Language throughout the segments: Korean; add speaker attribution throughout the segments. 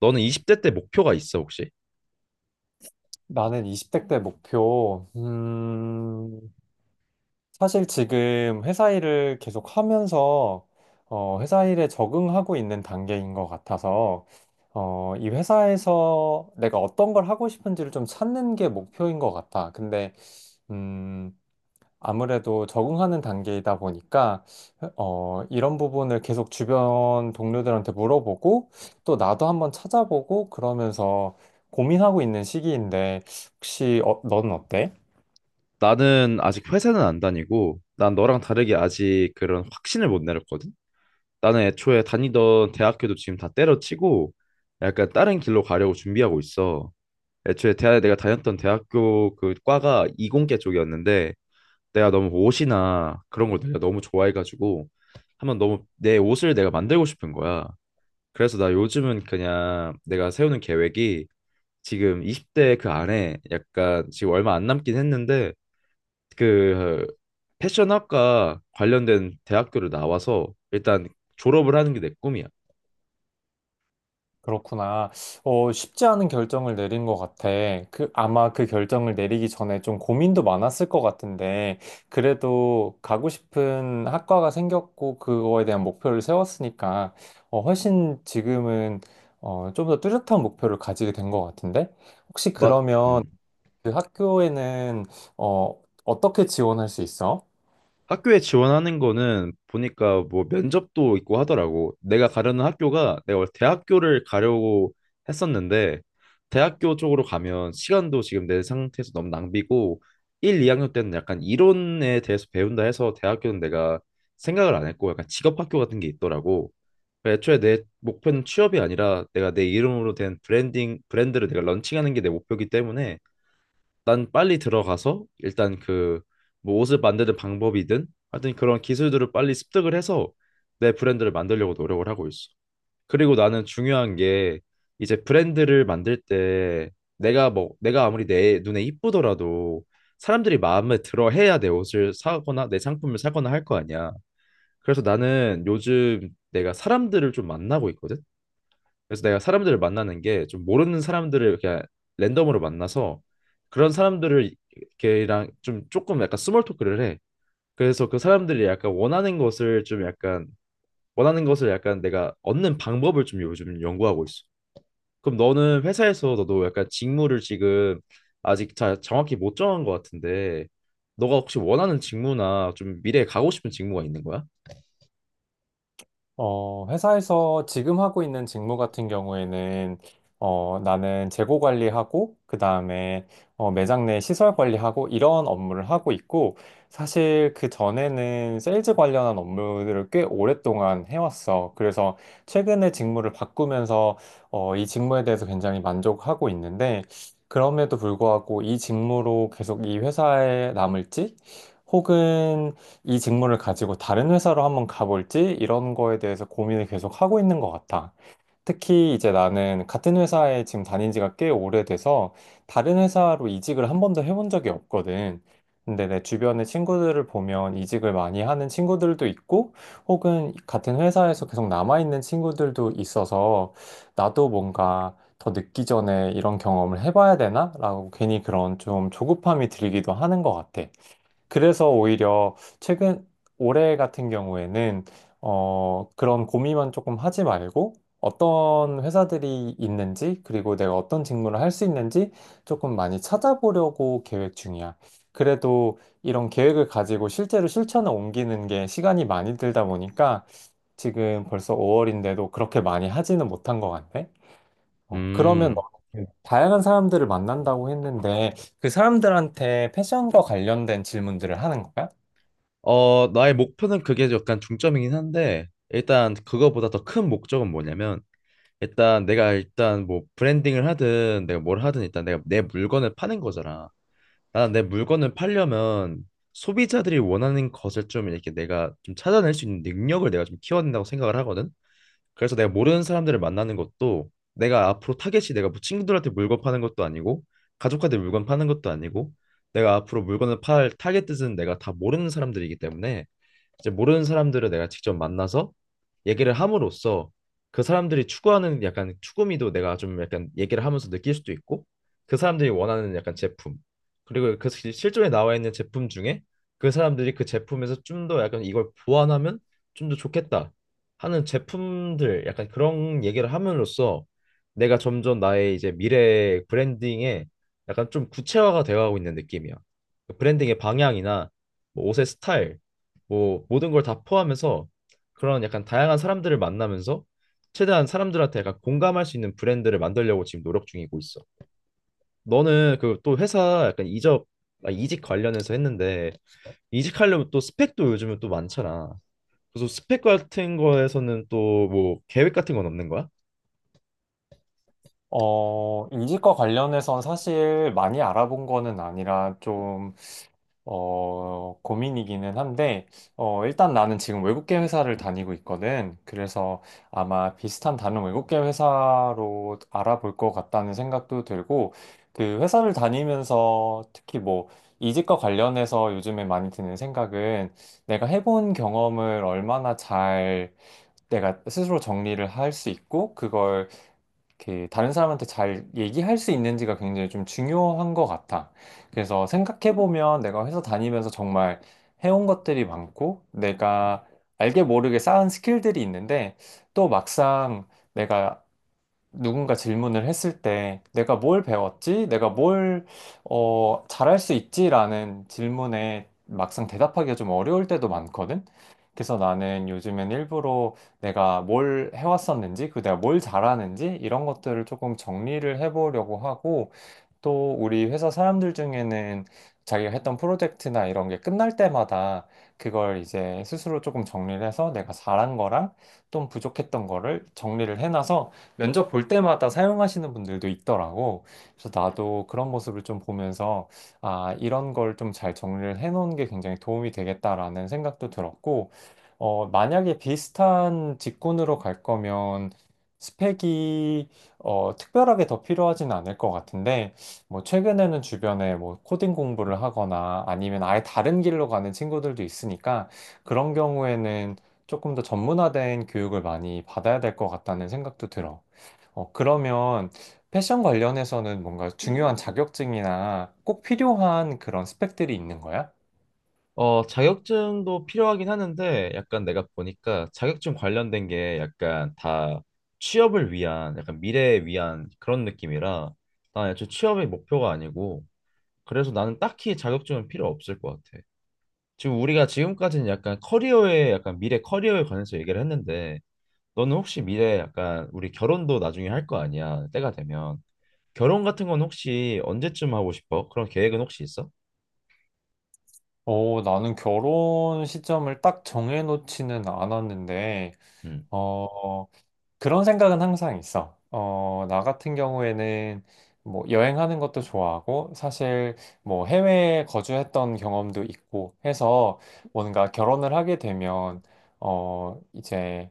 Speaker 1: 너는 20대 때 목표가 있어, 혹시?
Speaker 2: 나는 20대 때 목표, 사실 지금 회사 일을 계속 하면서, 회사 일에 적응하고 있는 단계인 것 같아서, 이 회사에서 내가 어떤 걸 하고 싶은지를 좀 찾는 게 목표인 것 같아. 근데, 음, 아무래도 적응하는 단계이다 보니까 이런 부분을 계속 주변 동료들한테 물어보고 또 나도 한번 찾아보고 그러면서 고민하고 있는 시기인데 혹시 넌 어때?
Speaker 1: 나는 아직 회사는 안 다니고, 난 너랑 다르게 아직 그런 확신을 못 내렸거든? 나는 애초에 다니던 대학교도 지금 다 때려치고, 약간 다른 길로 가려고 준비하고 있어. 애초에 대 내가 다녔던 대학교 그 과가 이공계 쪽이었는데, 내가 너무 옷이나 그런 걸 내가 너무 좋아해가지고, 한번 너무 내 옷을 내가 만들고 싶은 거야. 그래서 나 요즘은 그냥 내가 세우는 계획이, 지금 20대 그 안에 약간 지금 얼마 안 남긴 했는데, 그 패션학과 관련된 대학교를 나와서 일단 졸업을 하는 게 내 꿈이야.
Speaker 2: 그렇구나. 쉽지 않은 결정을 내린 것 같아. 아마 그 결정을 내리기 전에 좀 고민도 많았을 것 같은데, 그래도 가고 싶은 학과가 생겼고, 그거에 대한 목표를 세웠으니까, 훨씬 지금은, 좀 더 뚜렷한 목표를 가지게 된 것 같은데? 혹시
Speaker 1: 막
Speaker 2: 그러면 그 학교에는, 어, 어떻게 지원할 수 있어?
Speaker 1: 학교에 지원하는 거는 보니까 뭐 면접도 있고 하더라고. 내가 가려는 학교가, 내가 원래 대학교를 가려고 했었는데 대학교 쪽으로 가면 시간도 지금 내 상태에서 너무 낭비고, 1, 2학년 때는 약간 이론에 대해서 배운다 해서 대학교는 내가 생각을 안 했고, 약간 직업학교 같은 게 있더라고. 그래서 애초에 내 목표는 취업이 아니라, 내가 내 이름으로 된 브랜딩 브랜드를 내가 런칭하는 게 내 목표이기 때문에, 난 빨리 들어가서 일단 그 뭐 옷을 만드는 방법이든 하여튼 그런 기술들을 빨리 습득을 해서 내 브랜드를 만들려고 노력을 하고 있어. 그리고 나는 중요한 게, 이제 브랜드를 만들 때 내가 뭐 내가 아무리 내 눈에 이쁘더라도 사람들이 마음에 들어 해야 내 옷을 사거나 내 상품을 사거나 할 거 아니야. 그래서 나는 요즘 내가 사람들을 좀 만나고 있거든. 그래서 내가 사람들을 만나는 게, 좀 모르는 사람들을 그냥 랜덤으로 만나서, 그런 사람들을, 걔랑 좀 조금 약간 스몰 토크를 해. 그래서 그 사람들이 약간 원하는 것을, 좀 약간 원하는 것을 약간 내가 얻는 방법을 좀 요즘 연구하고 있어. 그럼 너는 회사에서 너도 약간 직무를 지금 아직 잘 정확히 못 정한 것 같은데, 너가 혹시 원하는 직무나 좀 미래에 가고 싶은 직무가 있는 거야?
Speaker 2: 회사에서 지금 하고 있는 직무 같은 경우에는, 나는 재고 관리하고, 그 다음에, 매장 내 시설 관리하고, 이런 업무를 하고 있고, 사실 그 전에는 세일즈 관련한 업무들을 꽤 오랫동안 해왔어. 그래서 최근에 직무를 바꾸면서, 이 직무에 대해서 굉장히 만족하고 있는데, 그럼에도 불구하고 이 직무로 계속 이 회사에 남을지, 혹은 이 직무를 가지고 다른 회사로 한번 가볼지 이런 거에 대해서 고민을 계속 하고 있는 것 같아. 특히 이제 나는 같은 회사에 지금 다닌 지가 꽤 오래돼서 다른 회사로 이직을 한 번도 해본 적이 없거든. 근데 내 주변의 친구들을 보면 이직을 많이 하는 친구들도 있고 혹은 같은 회사에서 계속 남아있는 친구들도 있어서 나도 뭔가 더 늦기 전에 이런 경험을 해봐야 되나? 라고 괜히 그런 좀 조급함이 들기도 하는 것 같아. 그래서 오히려 최근 올해 같은 경우에는 그런 고민만 조금 하지 말고 어떤 회사들이 있는지 그리고 내가 어떤 직무를 할 수 있는지 조금 많이 찾아보려고 계획 중이야. 그래도 이런 계획을 가지고 실제로 실천을 옮기는 게 시간이 많이 들다 보니까 지금 벌써 5월인데도 그렇게 많이 하지는 못한 것 같네. 그러면 너
Speaker 1: 음.
Speaker 2: 그 다양한 사람들을 만난다고 했는데 그 사람들한테 패션과 관련된 질문들을 하는 거야?
Speaker 1: 나의 목표는 그게 약간 중점이긴 한데, 일단 그거보다 더 큰 목적은 뭐냐면, 일단 내가, 일단 뭐 브랜딩을 하든 내가 뭘 하든, 일단 내가 내 물건을 파는 거잖아. 나는 내 물건을 팔려면, 소비자들이 원하는 것을 좀 이렇게 내가 좀 찾아낼 수 있는 능력을 내가 좀 키워야 된다고 생각을 하거든. 그래서 내가 모르는 사람들을 만나는 것도, 내가 앞으로 타겟이, 내가 뭐 친구들한테 물건 파는 것도 아니고 가족한테 물건 파는 것도 아니고, 내가 앞으로 물건을 팔 타겟은 내가 다 모르는 사람들이기 때문에, 이제 모르는 사람들을 내가 직접 만나서 얘기를 함으로써, 그 사람들이 추구하는 약간 추구미도 내가 좀 약간 얘기를 하면서 느낄 수도 있고, 그 사람들이 원하는 약간 제품, 그리고 그 실존에 나와 있는 제품 중에 그 사람들이 그 제품에서 좀 더 약간 이걸 보완하면 좀 더 좋겠다 하는 제품들, 약간 그런 얘기를 함으로써 내가 점점 나의 이제 미래 브랜딩에 약간 좀 구체화가 되어가고 있는 느낌이야. 그 브랜딩의 방향이나 뭐 옷의 스타일, 뭐 모든 걸 다 포함해서 그런 약간 다양한 사람들을 만나면서 최대한 사람들한테 약간 공감할 수 있는 브랜드를 만들려고 지금 노력 중이고 있어. 너는 그 또 회사 약간 이직 관련해서 했는데, 이직하려면 또 스펙도 요즘은 또 많잖아. 그래서 스펙 같은 거에서는 또 뭐 계획 같은 건 없는 거야?
Speaker 2: 이직과 관련해선 사실 많이 알아본 거는 아니라 고민이기는 한데, 일단 나는 지금 외국계 회사를 다니고 있거든. 그래서 아마 비슷한 다른 외국계 회사로 알아볼 것 같다는 생각도 들고, 그 회사를 다니면서 특히 이직과 관련해서 요즘에 많이 드는 생각은 내가 해본 경험을 얼마나 잘 내가 스스로 정리를 할 수 있고, 그걸 이렇게 다른 사람한테 잘 얘기할 수 있는지가 굉장히 좀 중요한 것 같아. 그래서 생각해보면 내가 회사 다니면서 정말 해온 것들이 많고 내가 알게 모르게 쌓은 스킬들이 있는데 또 막상 내가 누군가 질문을 했을 때 내가 뭘 배웠지? 잘할 수 있지? 라는 질문에 막상 대답하기가 좀 어려울 때도 많거든? 그래서 나는 요즘엔 일부러 내가 뭘 해왔었는지, 그 내가 뭘 잘하는지, 이런 것들을 조금 정리를 해보려고 하고, 또 우리 회사 사람들 중에는 자기가 했던 프로젝트나 이런 게 끝날 때마다 그걸 이제 스스로 조금 정리를 해서 내가 잘한 거랑 좀 부족했던 거를 정리를 해놔서 면접 볼 때마다 사용하시는 분들도 있더라고. 그래서 나도 그런 모습을 좀 보면서 아, 이런 걸 좀 잘 정리를 해놓은 게 굉장히 도움이 되겠다라는 생각도 들었고, 만약에 비슷한 직군으로 갈 거면 스펙이 특별하게 더 필요하진 않을 것 같은데, 뭐 최근에는 주변에 뭐 코딩 공부를 하거나 아니면 아예 다른 길로 가는 친구들도 있으니까 그런 경우에는 조금 더 전문화된 교육을 많이 받아야 될 것 같다는 생각도 들어. 그러면 패션 관련해서는 뭔가 중요한 자격증이나 꼭 필요한 그런 스펙들이 있는 거야?
Speaker 1: 자격증도 필요하긴 하는데, 약간 내가 보니까 자격증 관련된 게 약간 다 취업을 위한, 약간 미래에 위한 그런 느낌이라, 난 애초에 취업이 목표가 아니고, 그래서 나는 딱히 자격증은 필요 없을 것 같아. 지금 우리가 지금까지는 약간 커리어에, 약간 미래 커리어에 관해서 얘기를 했는데, 너는 혹시 미래에, 약간 우리 결혼도 나중에 할 거 아니야? 때가 되면 결혼 같은 건 혹시 언제쯤 하고 싶어? 그런 계획은 혹시 있어?
Speaker 2: 나는 결혼 시점을 딱 정해놓지는 않았는데,
Speaker 1: 음,
Speaker 2: 어, 그런 생각은 항상 있어. 나 같은 경우에는 뭐 여행하는 것도 좋아하고 사실 뭐 해외에 거주했던 경험도 있고 해서 뭔가 결혼을 하게 되면 이제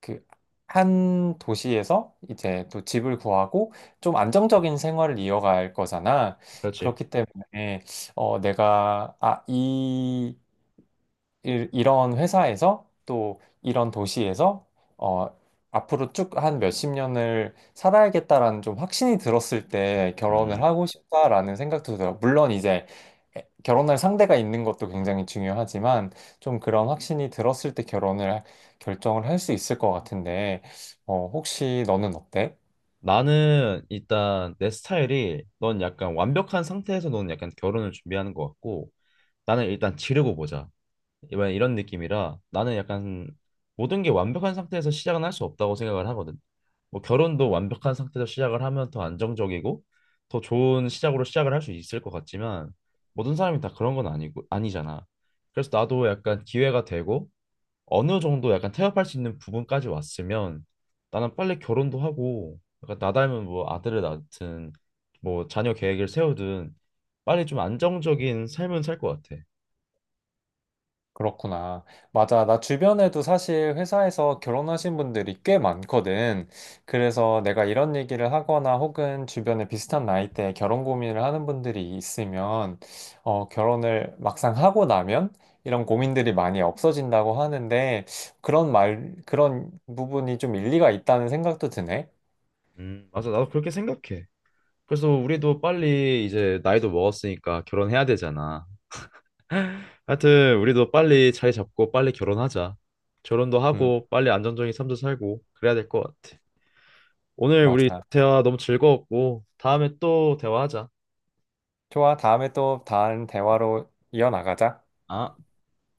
Speaker 2: 그 한 도시에서 이제 또 집을 구하고 좀 안정적인 생활을 이어갈 거잖아.
Speaker 1: 그렇지.
Speaker 2: 그렇기 때문에 어, 내가 아, 이 이런 회사에서 또 이런 도시에서 어, 앞으로 쭉 한 몇 십 년을 살아야겠다라는 좀 확신이 들었을 때 결혼을
Speaker 1: 음.
Speaker 2: 하고 싶다라는 생각도 들어요. 물론 이제 결혼할 상대가 있는 것도 굉장히 중요하지만 좀 그런 확신이 들었을 때 결정을 할 수 있을 것 같은데 혹시 너는 어때?
Speaker 1: 나는 일단 내 스타일이, 넌 약간 완벽한 상태에서 넌 약간 결혼을 준비하는 것 같고, 나는 일단 지르고 보자, 이번 이런 느낌이라. 나는 약간 모든 게 완벽한 상태에서 시작은 할 수 없다고 생각을 하거든. 뭐 결혼도 완벽한 상태에서 시작을 하면 더 안정적이고 더 좋은 시작으로 시작을 할 수 있을 것 같지만, 모든 사람이 다 그런 건 아니고 아니잖아. 그래서 나도 약간 기회가 되고 어느 정도 약간 태업할 수 있는 부분까지 왔으면, 나는 빨리 결혼도 하고, 약간 나 닮은 뭐 아들을 낳든 뭐 자녀 계획을 세우든, 빨리 좀 안정적인 삶은 살 것 같아.
Speaker 2: 그렇구나. 맞아. 나 주변에도 사실 회사에서 결혼하신 분들이 꽤 많거든. 그래서 내가 이런 얘기를 하거나 혹은 주변에 비슷한 나이대에 결혼 고민을 하는 분들이 있으면, 결혼을 막상 하고 나면 이런 고민들이 많이 없어진다고 하는데, 그런 말, 그런 부분이 좀 일리가 있다는 생각도 드네.
Speaker 1: 맞아. 나도 그렇게 생각해. 그래서 우리도 빨리 이제 나이도 먹었으니까 결혼해야 되잖아. 하여튼 우리도 빨리 자리 잡고 빨리 결혼하자. 결혼도
Speaker 2: 음,
Speaker 1: 하고 빨리 안정적인 삶도 살고 그래야 될 것 같아. 오늘 우리
Speaker 2: 맞아.
Speaker 1: 대화 너무 즐거웠고 다음에 또 대화하자.
Speaker 2: 좋아. 다음에 또 다른 대화로 이어나가자.
Speaker 1: 아.